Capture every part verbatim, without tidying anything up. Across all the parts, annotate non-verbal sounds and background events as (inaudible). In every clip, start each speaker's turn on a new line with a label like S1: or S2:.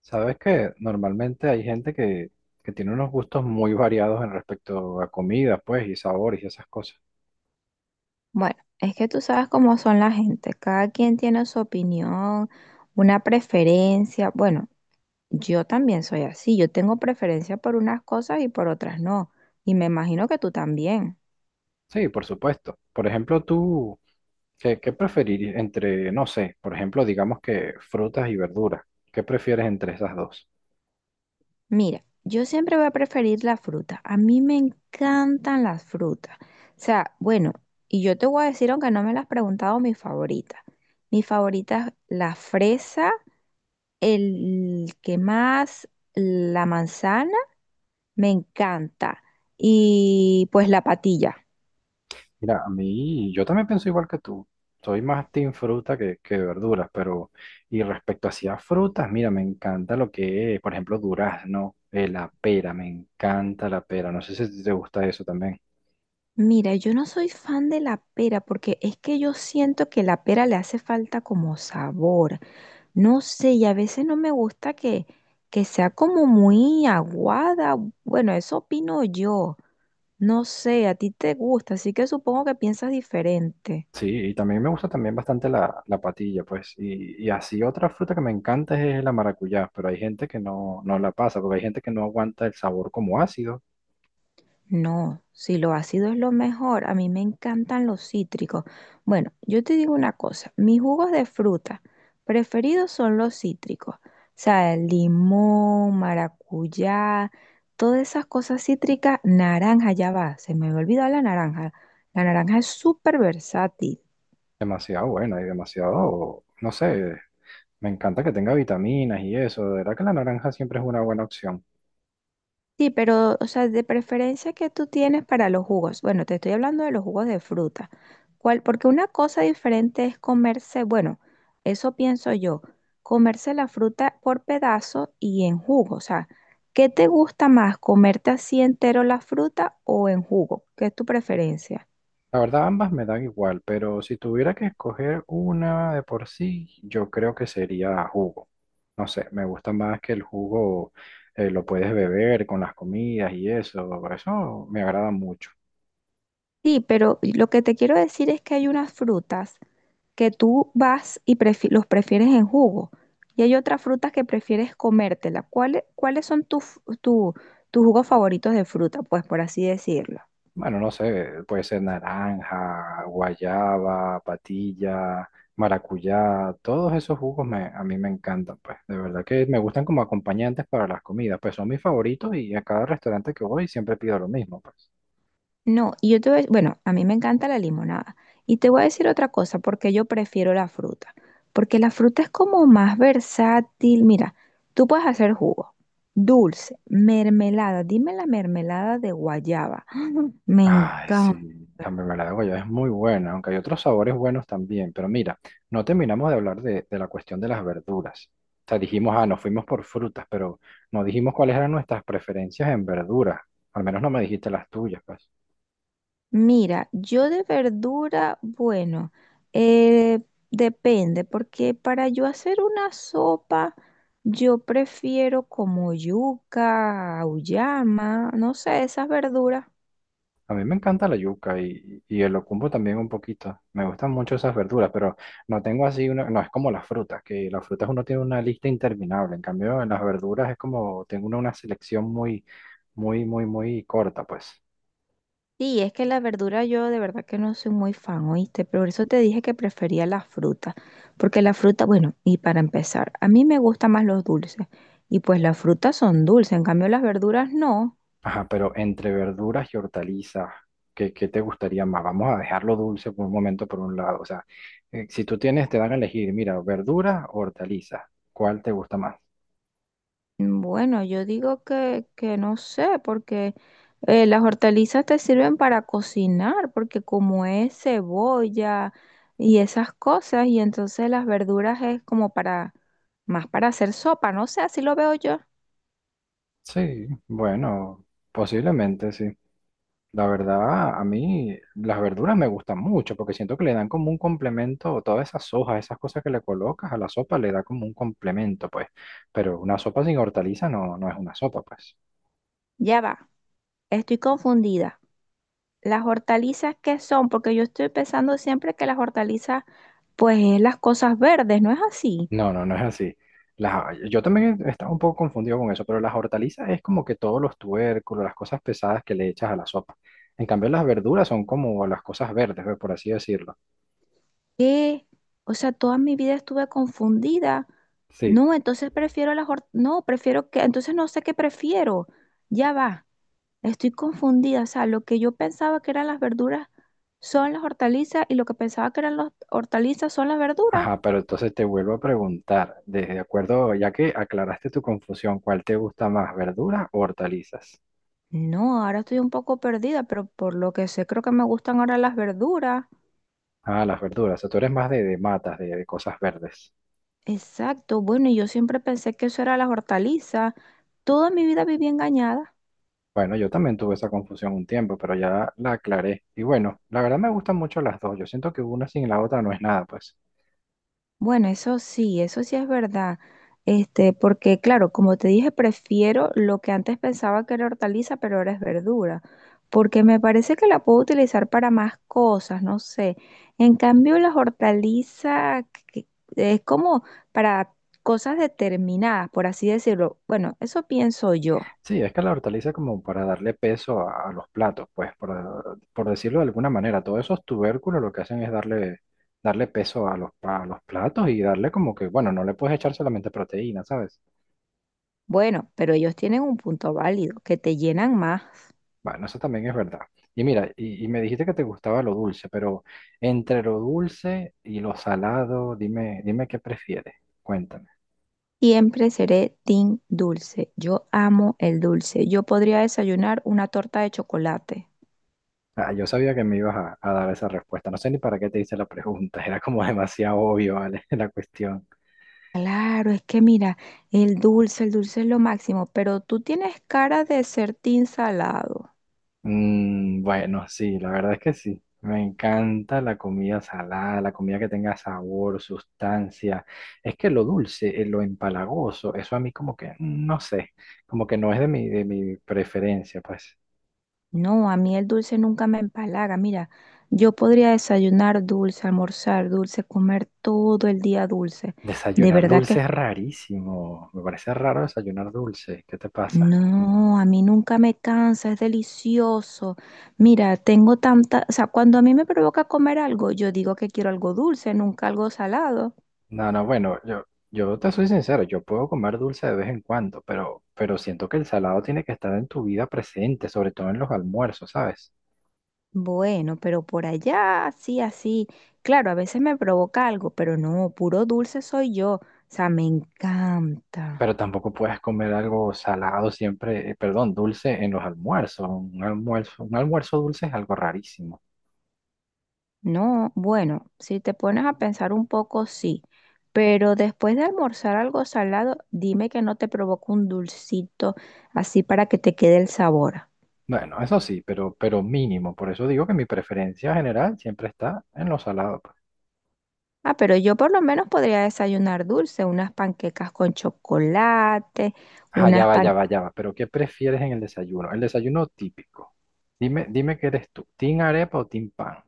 S1: Sabes que normalmente hay gente que, que tiene unos gustos muy variados en respecto a comida, pues, y sabores y esas cosas.
S2: Bueno, es que tú sabes cómo son la gente, cada quien tiene su opinión, una preferencia. Bueno, yo también soy así, yo tengo preferencia por unas cosas y por otras no, y me imagino que tú también.
S1: Sí, por supuesto. Por ejemplo, tú, ¿qué, qué preferirías entre, no sé, por ejemplo, digamos que frutas y verduras? ¿Qué prefieres entre esas dos?
S2: Mira, yo siempre voy a preferir la fruta, a mí me encantan las frutas. O sea, bueno, y yo te voy a decir, aunque no me las has preguntado, mi favorita. Mi favorita es la fresa, el que más, la manzana. Me encanta. Y pues la patilla.
S1: Mira, a mí, yo también pienso igual que tú. Soy más team fruta que, que verduras, pero, y respecto hacia frutas, mira, me encanta lo que es, por ejemplo, durazno, eh, la pera, me encanta la pera. No sé si te gusta eso también.
S2: Mira, yo no soy fan de la pera porque es que yo siento que la pera le hace falta como sabor. No sé, y a veces no me gusta que, que sea como muy aguada. Bueno, eso opino yo. No sé, a ti te gusta, así que supongo que piensas diferente.
S1: Sí, y también me gusta también bastante la, la patilla, pues. Y, y así otra fruta que me encanta es la maracuyá, pero hay gente que no, no la pasa, porque hay gente que no aguanta el sabor como ácido.
S2: No, si lo ácido es lo mejor, a mí me encantan los cítricos. Bueno, yo te digo una cosa, mis jugos de fruta preferidos son los cítricos. O sea, el limón, maracuyá, todas esas cosas cítricas, naranja, ya va, se me había olvidado la naranja. La naranja es súper versátil.
S1: Demasiado buena y demasiado, no sé, me encanta que tenga vitaminas y eso. De verdad que la naranja siempre es una buena opción.
S2: Sí, pero, o sea, de preferencia que tú tienes para los jugos. Bueno, te estoy hablando de los jugos de fruta. ¿Cuál? Porque una cosa diferente es comerse, bueno, eso pienso yo, comerse la fruta por pedazo y en jugo. O sea, ¿qué te gusta más, comerte así entero la fruta o en jugo? ¿Qué es tu preferencia?
S1: La verdad, ambas me dan igual, pero si tuviera que escoger una de por sí, yo creo que sería jugo. No sé, me gusta más que el jugo eh, lo puedes beber con las comidas y eso, eso me agrada mucho.
S2: Sí, pero lo que te quiero decir es que hay unas frutas que tú vas y prefi- los prefieres en jugo. Y hay otras frutas que prefieres comértela. ¿Cuáles, cuáles son tus tu- tus jugos favoritos de fruta? Pues por así decirlo.
S1: Bueno, no sé, puede ser naranja, guayaba, patilla, maracuyá, todos esos jugos me, a mí me encantan, pues. De verdad que me gustan como acompañantes para las comidas, pues son mis favoritos y a cada restaurante que voy siempre pido lo mismo, pues.
S2: No, y yo te voy a, bueno, a mí me encanta la limonada. Y te voy a decir otra cosa, porque yo prefiero la fruta. Porque la fruta es como más versátil. Mira, tú puedes hacer jugo, dulce, mermelada. Dime la mermelada de guayaba. (gasps) Me
S1: Ay,
S2: encanta.
S1: sí, la mermelada de guayaba es muy buena, aunque hay otros sabores buenos también. Pero mira, no terminamos de hablar de, de la cuestión de las verduras. O sea, dijimos, ah, nos fuimos por frutas, pero no dijimos cuáles eran nuestras preferencias en verduras. Al menos no me dijiste las tuyas, pues.
S2: Mira, yo de verdura, bueno, eh, depende, porque para yo hacer una sopa, yo prefiero como yuca, auyama, no sé, esas verduras.
S1: A mí me encanta la yuca y, y el locumbo también un poquito. Me gustan mucho esas verduras, pero no tengo así una, no es como las frutas, que las frutas uno tiene una lista interminable. En cambio, en las verduras es como tengo una, una selección muy, muy, muy, muy corta, pues.
S2: Sí, es que la verdura yo de verdad que no soy muy fan, ¿oíste? Por eso te dije que prefería la fruta, porque la fruta, bueno, y para empezar, a mí me gustan más los dulces, y pues las frutas son dulces, en cambio las verduras no.
S1: Ajá, pero entre verduras y hortalizas, ¿qué, qué te gustaría más? Vamos a dejarlo dulce por un momento por un lado. O sea, eh, si tú tienes, te dan a elegir, mira, verduras o hortalizas, ¿cuál te gusta más?
S2: Bueno, yo digo que, que no sé, porque... Eh, las hortalizas te sirven para cocinar, porque como es cebolla y esas cosas, y entonces las verduras es como para, más para hacer sopa, no sé, así lo veo yo.
S1: Sí, bueno, posiblemente sí. La verdad, a mí las verduras me gustan mucho porque siento que le dan como un complemento, todas esas hojas, esas cosas que le colocas a la sopa, le da como un complemento, pues. Pero una sopa sin hortaliza no, no es una sopa, pues.
S2: Ya va, estoy confundida. ¿Las hortalizas qué son? Porque yo estoy pensando siempre que las hortalizas, pues es las cosas verdes, ¿no es así?
S1: No, no, no es así. Las- yo también estaba un poco confundido con eso, pero las hortalizas es como que todos los tubérculos, las cosas pesadas que le echas a la sopa. En cambio, las verduras son como las cosas verdes, pues, por así decirlo.
S2: ¿Qué? O sea, toda mi vida estuve confundida.
S1: Sí,
S2: No, entonces prefiero las hort- no, prefiero que, entonces no sé qué prefiero. Ya va. Estoy confundida, o sea, lo que yo pensaba que eran las verduras son las hortalizas y lo que pensaba que eran las hortalizas son las verduras.
S1: ajá, pero entonces te vuelvo a preguntar, de de acuerdo, ya que aclaraste tu confusión, ¿cuál te gusta más, verduras o hortalizas?
S2: No, ahora estoy un poco perdida, pero por lo que sé creo que me gustan ahora las verduras.
S1: Ah, las verduras, o sea, tú eres más de, de matas, de de cosas verdes.
S2: Exacto, bueno, y yo siempre pensé que eso era las hortalizas. Toda mi vida viví engañada.
S1: Bueno, yo también tuve esa confusión un tiempo, pero ya la aclaré. Y bueno, la verdad me gustan mucho las dos. Yo siento que una sin la otra no es nada, pues.
S2: Bueno, eso sí, eso sí es verdad. Este, porque claro, como te dije, prefiero lo que antes pensaba que era hortaliza, pero ahora es verdura, porque me parece que la puedo utilizar para más cosas, no sé. En cambio, las hortalizas que- que es como para cosas determinadas, por así decirlo. Bueno, eso pienso yo.
S1: Sí, es que la hortaliza como para darle peso a, a los platos, pues por, por decirlo de alguna manera, todos esos tubérculos lo que hacen es darle, darle peso a los, pa- a los platos y darle como que, bueno, no le puedes echar solamente proteína, ¿sabes?
S2: Bueno, pero ellos tienen un punto válido, que te llenan más.
S1: Bueno, eso también es verdad. Y mira, y, y me dijiste que te gustaba lo dulce, pero entre lo dulce y lo salado, dime, dime qué prefieres, cuéntame.
S2: Siempre seré team dulce. Yo amo el dulce. Yo podría desayunar una torta de chocolate.
S1: Ah, yo sabía que me ibas a, a dar esa respuesta, no sé ni para qué te hice la pregunta, (laughs) era como demasiado obvio, ¿vale? (laughs) La cuestión.
S2: Claro, es que mira, el dulce, el dulce es lo máximo, pero tú tienes cara de ser team salado.
S1: Mm, bueno, sí, la verdad es que sí. Me encanta la comida salada, la comida que tenga sabor, sustancia. Es que lo dulce, eh, lo empalagoso, eso a mí como que, mm, no sé, como que no es de mi, de mi preferencia, pues.
S2: No, a mí el dulce nunca me empalaga. Mira, yo podría desayunar dulce, almorzar dulce, comer todo el día dulce. De
S1: Desayunar
S2: verdad
S1: dulce
S2: que
S1: es rarísimo. Me parece raro desayunar dulce. ¿Qué te pasa?
S2: No, a mí nunca me cansa, es delicioso. Mira, tengo tanta, o sea, cuando a mí me provoca comer algo, yo digo que quiero algo dulce, nunca algo salado.
S1: No, no, bueno, yo, yo te soy sincero, yo puedo comer dulce de vez en cuando, pero, pero siento que el salado tiene que estar en tu vida presente, sobre todo en los almuerzos, ¿sabes?
S2: Bueno, pero por allá, así, así. Claro, a veces me provoca algo, pero no, puro dulce soy yo. O sea, me encanta.
S1: Pero tampoco puedes comer algo salado siempre, eh, perdón, dulce en los almuerzos. Un almuerzo, un almuerzo dulce es algo rarísimo.
S2: No, bueno, si te pones a pensar un poco, sí. Pero después de almorzar algo salado, dime que no te provoca un dulcito así para que te quede el sabor.
S1: Bueno, eso sí, pero, pero mínimo. Por eso digo que mi preferencia general siempre está en lo salado. Pues.
S2: Ah, pero yo por lo menos podría desayunar dulce, unas panquecas con chocolate,
S1: Ah, ya
S2: unas
S1: va, ya
S2: pan...
S1: va, ya va. Pero ¿qué prefieres en el desayuno? El desayuno típico. Dime, dime qué eres tú, ¿team arepa o team pan?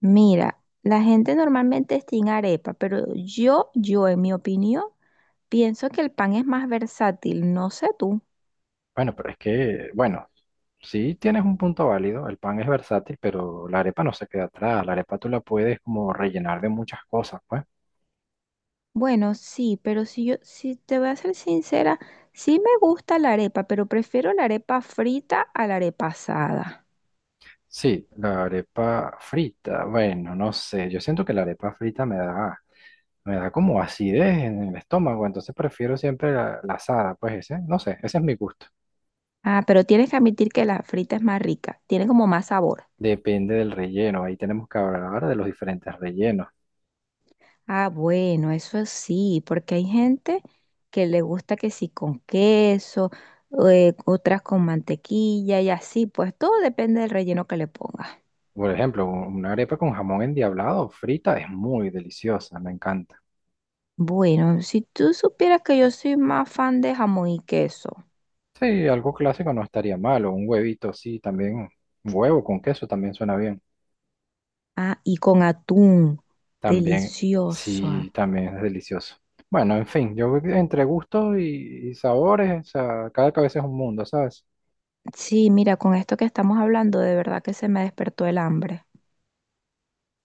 S2: Mira, la gente normalmente es sin arepa, pero yo, yo en mi opinión, pienso que el pan es más versátil, no sé tú.
S1: Bueno, pero es que, bueno, sí tienes un punto válido. El pan es versátil, pero la arepa no se queda atrás. La arepa tú la puedes como rellenar de muchas cosas, pues.
S2: Bueno, sí, pero si yo, si te voy a ser sincera, sí me gusta la arepa, pero prefiero la arepa frita a la arepa asada.
S1: Sí, la arepa frita. Bueno, no sé. Yo siento que la arepa frita me da, me da como acidez en el estómago. Entonces prefiero siempre la, la asada. Pues ese, no sé, ese es mi gusto.
S2: Ah, pero tienes que admitir que la frita es más rica, tiene como más sabor.
S1: Depende del relleno. Ahí tenemos que hablar de los diferentes rellenos.
S2: Ah, bueno, eso sí, porque hay gente que le gusta que sí con queso, eh, otras con mantequilla y así, pues todo depende del relleno que le pongas.
S1: Por ejemplo, un- una arepa con jamón endiablado frita es muy deliciosa. Me encanta.
S2: Bueno, si tú supieras que yo soy más fan de jamón y queso.
S1: Sí, algo clásico no estaría malo. Un huevito, sí, también. Un huevo con queso también suena bien.
S2: Ah, y con atún,
S1: También,
S2: delicioso.
S1: sí, también es delicioso. Bueno, en fin, yo creo que entre gustos y, y sabores, o sea, cada cabeza es un mundo, ¿sabes?
S2: Sí, mira, con esto que estamos hablando, de verdad que se me despertó el hambre.